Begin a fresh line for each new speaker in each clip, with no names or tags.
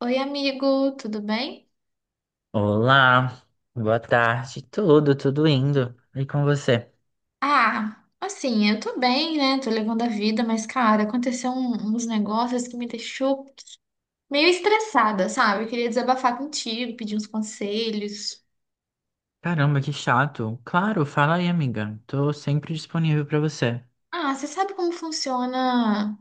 Oi, amigo, tudo bem?
Olá, boa tarde. Tudo indo. E com você?
Ah, assim, eu tô bem, né? Tô levando a vida, mas, cara, aconteceu uns negócios que me deixou meio estressada, sabe? Eu queria desabafar contigo, pedir uns conselhos.
Caramba, que chato. Claro, fala aí, amiga. Tô sempre disponível pra você.
Ah, você sabe como funciona?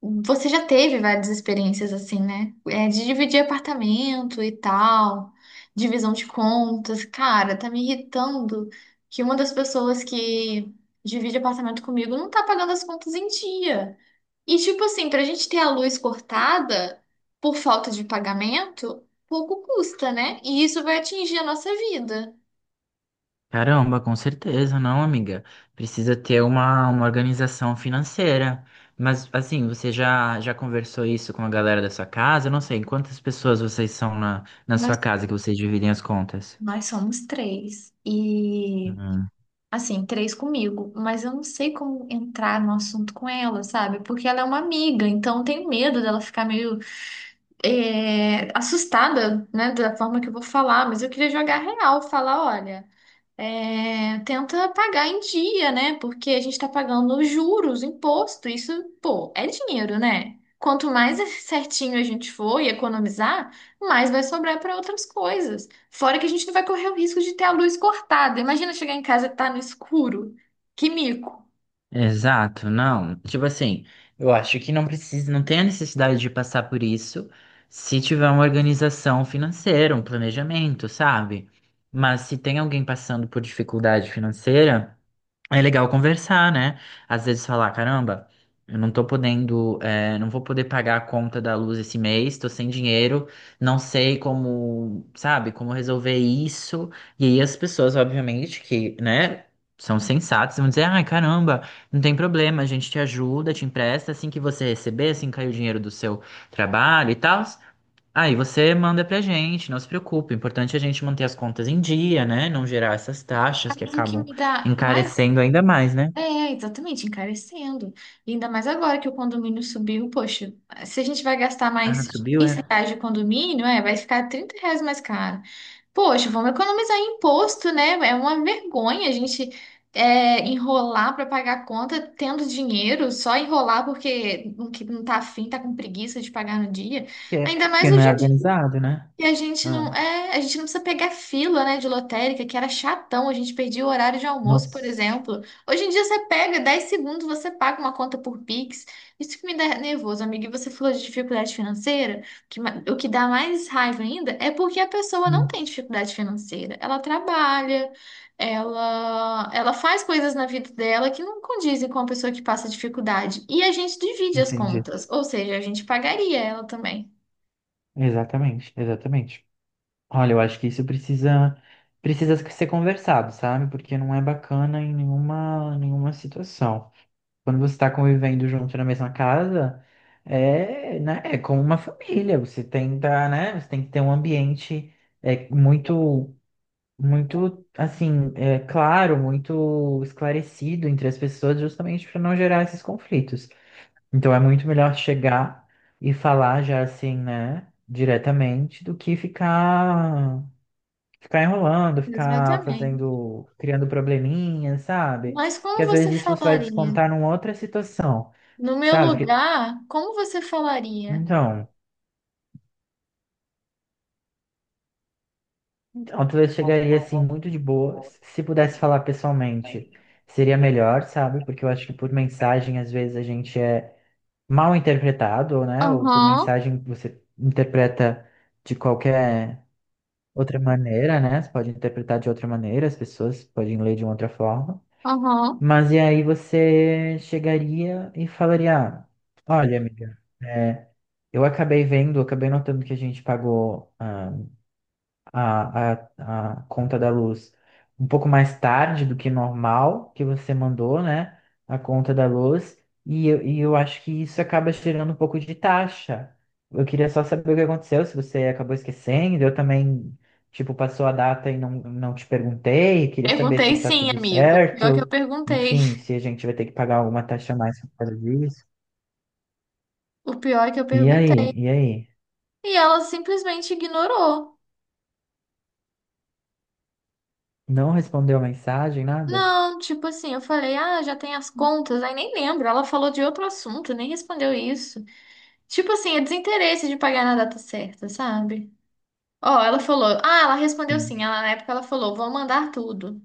Você já teve várias experiências assim, né? É, de dividir apartamento e tal, divisão de contas. Cara, tá me irritando que uma das pessoas que divide apartamento comigo não tá pagando as contas em dia. E tipo assim, pra gente ter a luz cortada por falta de pagamento, pouco custa, né? E isso vai atingir a nossa vida.
Caramba, com certeza, não, amiga. Precisa ter uma organização financeira. Mas assim, você já conversou isso com a galera da sua casa? Eu não sei quantas pessoas vocês são na
Nós,
sua casa que vocês dividem as contas.
nós somos três. E, assim, três comigo. Mas eu não sei como entrar no assunto com ela, sabe? Porque ela é uma amiga, então eu tenho medo dela ficar meio assustada, né? Da forma que eu vou falar. Mas eu queria jogar real, falar, olha. Tenta pagar em dia, né? Porque a gente está pagando juros, imposto, isso, pô, é dinheiro, né? Quanto mais certinho a gente for e economizar, mais vai sobrar para outras coisas. Fora que a gente não vai correr o risco de ter a luz cortada. Imagina chegar em casa e tá no escuro. Que mico.
Exato, não. Tipo assim, eu acho que não precisa, não tem a necessidade de passar por isso se tiver uma organização financeira, um planejamento, sabe? Mas se tem alguém passando por dificuldade financeira, é legal conversar, né? Às vezes falar, caramba, eu não tô podendo, não vou poder pagar a conta da luz esse mês, tô sem dinheiro, não sei como, sabe, como resolver isso. E aí as pessoas, obviamente, que, né, são sensatas, vão dizer, ai, caramba, não tem problema, a gente te ajuda, te empresta, assim que você receber, assim que cair o dinheiro do seu trabalho e tal. Aí você manda pra gente, não se preocupe. O importante é a gente manter as contas em dia, né? Não gerar essas taxas que
Mas o que
acabam
me dá mais.
encarecendo ainda mais, né?
É, exatamente, encarecendo. E ainda mais agora que o condomínio subiu, poxa, se a gente vai gastar
Ah,
mais
subiu, é?
R$ 15 de condomínio, vai ficar R$ 30 mais caro. Poxa, vamos economizar em imposto, né? É uma vergonha a gente enrolar para pagar a conta tendo dinheiro, só enrolar porque não que não tá afim, tá com preguiça de pagar no dia.
Porque é,
Ainda mais
porque não
hoje
é
em
organizado, né?
e a gente
Ah,
não, é, a gente não precisa pegar fila, né, de lotérica, que era chatão, a gente perdia o horário de almoço, por
nossa.
exemplo. Hoje em dia você pega 10 segundos, você paga uma conta por Pix. Isso que me dá nervoso, amiga. E você falou de dificuldade financeira, o que, o que dá mais raiva ainda é porque a pessoa não
Hum,
tem dificuldade financeira. Ela trabalha, ela faz coisas na vida dela que não condizem com a pessoa que passa dificuldade. E a gente divide as
Entendi.
contas, ou seja, a gente pagaria ela também.
Exatamente, exatamente. Olha, eu acho que isso precisa ser conversado, sabe? Porque não é bacana em nenhuma situação. Quando você está convivendo junto na mesma casa, né, é como uma família. Você tenta, né? Você tem que ter um ambiente muito, muito, assim, claro, muito esclarecido entre as pessoas, justamente para não gerar esses conflitos. Então é muito melhor chegar e falar já assim, né? Diretamente do que ficar enrolando, ficar
Exatamente.
fazendo, criando probleminhas, sabe?
Mas
Que
como
às
você
vezes isso você vai
falaria?
descontar numa outra situação,
No meu
sabe?
lugar, como você falaria?
Então, então talvez chegaria assim muito de boa. Se pudesse falar pessoalmente, seria melhor, sabe? Porque eu acho que por mensagem às vezes a gente é mal interpretado, né? Ou por
Aham,
mensagem você interpreta de qualquer outra maneira, né? Você pode interpretar de outra maneira, as pessoas podem ler de uma outra forma.
aham.
Mas e aí você chegaria e falaria, ah, olha, amiga, é, eu acabei vendo, acabei notando que a gente pagou. ah, a, a, a conta da luz um pouco mais tarde do que normal, que você mandou, né? A conta da luz. E eu acho que isso acaba gerando um pouco de taxa. Eu queria só saber o que aconteceu, se você acabou esquecendo. Eu também, tipo, passou a data e não te perguntei. Queria saber
Perguntei
se tá
sim,
tudo
amigo. Pior que eu
certo.
perguntei.
Enfim, se a gente vai ter que pagar alguma taxa a mais por causa disso.
O pior é que eu
E
perguntei.
aí? E aí?
E ela simplesmente ignorou.
Não respondeu a mensagem, nada?
Não, tipo assim, eu falei, ah, já tem as contas. Aí nem lembro. Ela falou de outro assunto, nem respondeu isso. Tipo assim, é desinteresse de pagar na data certa, sabe? Ó, ela falou, ah, ela respondeu
Sim.
sim. Ela, na época ela falou, vou mandar tudo.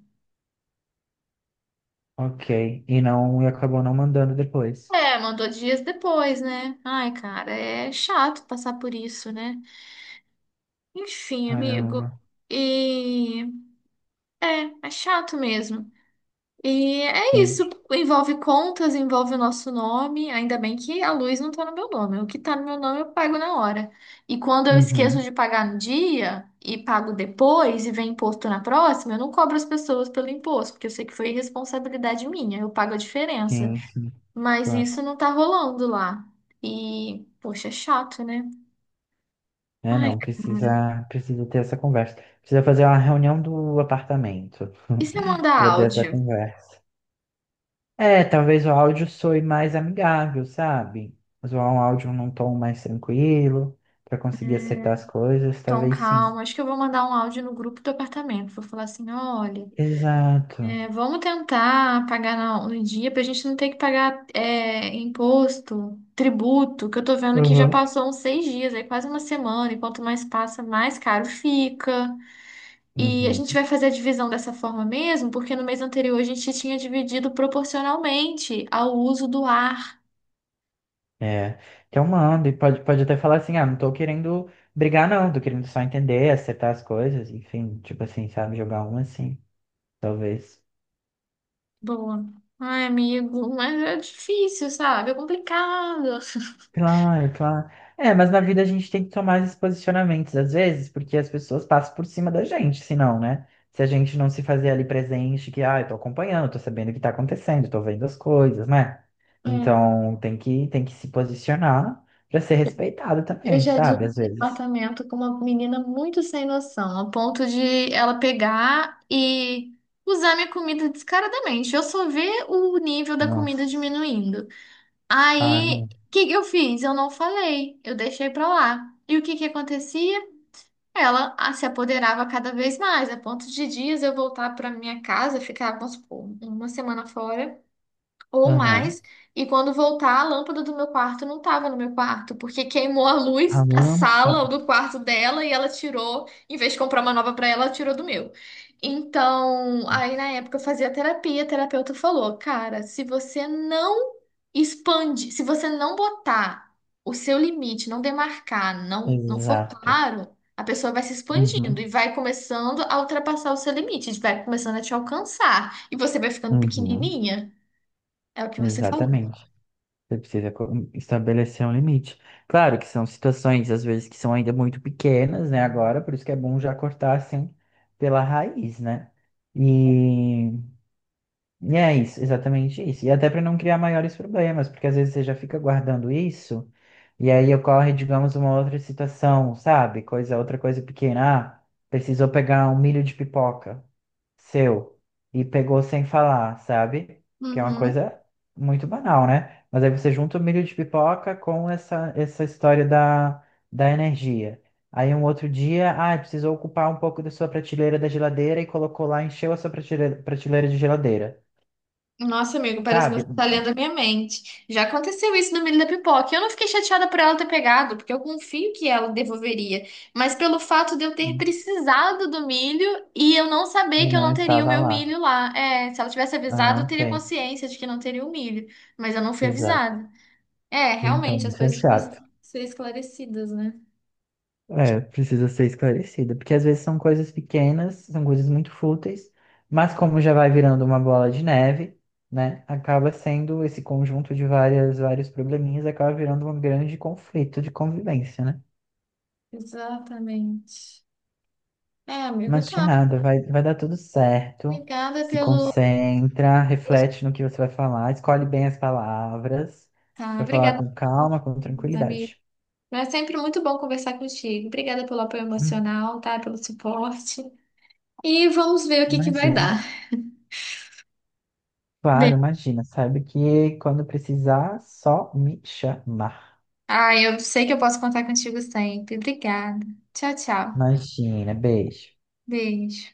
Ok. E não, e acabou não mandando depois.
É, mandou dias depois, né? Ai, cara, é chato passar por isso, né? Enfim, amigo.
Caramba.
E é, chato mesmo. E é isso.
Sim.
Envolve contas, envolve o nosso nome. Ainda bem que a luz não tá no meu nome. O que tá no meu nome eu pago na hora. E quando eu
Uhum.
esqueço de pagar no dia e pago depois e vem imposto na próxima, eu não cobro as pessoas pelo imposto, porque eu sei que foi responsabilidade minha. Eu pago a diferença.
Sim, sim,
Mas
claro.
isso não tá rolando lá. E, poxa, é chato, né?
É,
Ai,
não,
cara.
precisa ter essa conversa. Precisa fazer uma reunião do apartamento
E se eu mandar
para ter essa
áudio?
conversa. É, talvez o áudio soe mais amigável, sabe? Usar um áudio num tom mais tranquilo para conseguir acertar as
Hum,
coisas,
Tom,
talvez sim.
calma. Acho que eu vou mandar um áudio no grupo do apartamento. Vou falar assim: olha,
Exato.
vamos tentar pagar no, dia pra gente não ter que pagar imposto, tributo, que eu tô vendo que já
Uhum.
passou uns 6 dias, aí quase uma semana. E quanto mais passa, mais caro fica. E a
Uhum.
gente vai fazer a divisão dessa forma mesmo, porque no mês anterior a gente tinha dividido proporcionalmente ao uso do ar.
É, então manda, e pode até falar assim, ah, não tô querendo brigar não, tô querendo só entender, acertar as coisas, enfim, tipo assim, sabe, jogar um assim, talvez.
Boa. Ai, amigo, mas é difícil, sabe? É complicado.
Claro, claro. É, mas na vida a gente tem que tomar esses posicionamentos às vezes, porque as pessoas passam por cima da gente, se não, né? Se a gente não se fazer ali presente, que, ah, eu tô acompanhando, tô sabendo o que tá acontecendo, tô vendo as coisas, né?
É,
Então tem que se posicionar pra ser respeitado
eu
também,
já
sabe? Às
dividi
vezes.
apartamento com uma menina muito sem noção, a ponto de ela pegar e usar minha comida descaradamente. Eu só ver o nível da comida
Nossa.
diminuindo.
Ah,
Aí,
não.
o que que eu fiz? Eu não falei, eu deixei pra lá. E o que que acontecia? Ela se apoderava cada vez mais, a ponto de dias eu voltar para minha casa, ficar, vamos supor, uma semana fora ou
Aham.
mais. E quando voltar, a lâmpada do meu quarto não estava no meu quarto, porque queimou a luz
Ah,
da
não.
sala ou do quarto dela e ela tirou, em vez de comprar uma nova para ela, ela tirou do meu. Então, aí na época eu fazia terapia, a terapeuta falou: "Cara, se você não expande, se você não botar o seu limite, não demarcar, não for
Exato.
claro, a pessoa vai se expandindo
Uhum,
e vai começando a ultrapassar o seu limite, vai começando a te alcançar e você vai ficando
uhum,
pequenininha." É o que você falou.
exatamente. Você precisa estabelecer um limite. Claro que são situações, às vezes, que são ainda muito pequenas, né? Agora, por isso que é bom já cortar assim pela raiz, né? E, e é isso, exatamente isso. E até para não criar maiores problemas, porque às vezes você já fica guardando isso, e aí ocorre, digamos, uma outra situação, sabe? Outra coisa pequena. Ah, precisou pegar um milho de pipoca. Seu E pegou sem falar, sabe? Que é uma
Uhum.
coisa muito banal, né? Mas aí você junta o milho de pipoca com essa história da energia. Aí um outro dia, ah, precisou ocupar um pouco da sua prateleira da geladeira e colocou lá, encheu a sua prateleira, prateleira de geladeira,
Nossa, amigo, parece que você
sabe?
tá lendo a minha mente. Já aconteceu isso no milho da pipoca. Eu não fiquei chateada por ela ter pegado, porque eu confio que ela devolveria. Mas pelo fato de eu ter precisado do milho e eu não saber
E
que eu
não
não teria o
estava
meu
lá.
milho lá. É, se ela tivesse avisado,
Ah,
eu teria
ok.
consciência de que não teria o milho. Mas eu não fui
Exato.
avisada. É,
Então,
realmente, as
isso é
coisas
chato.
precisam ser esclarecidas, né?
É, precisa ser esclarecida, porque às vezes são coisas pequenas, são coisas muito fúteis, mas como já vai virando uma bola de neve, né, acaba sendo esse conjunto de vários probleminhas, acaba virando um grande conflito de convivência, né?
Exatamente. É, amigo,
Mas que
tá.
nada, vai dar tudo certo,
Obrigada
se
pelo.
concentra, reflete no que você vai falar, escolhe bem as palavras
Tá,
para falar
obrigada,
com calma, com
meus amigos.
tranquilidade.
Mas é sempre muito bom conversar contigo. Obrigada pelo apoio
Hum,
emocional, tá? Pelo suporte. E vamos ver o que que vai
Imagina.
dar. Bem.
Claro, imagina, sabe que quando precisar, só me chamar.
Ah, eu sei que eu posso contar contigo sempre. Obrigada. Tchau, tchau.
Imagina, beijo.
Beijo.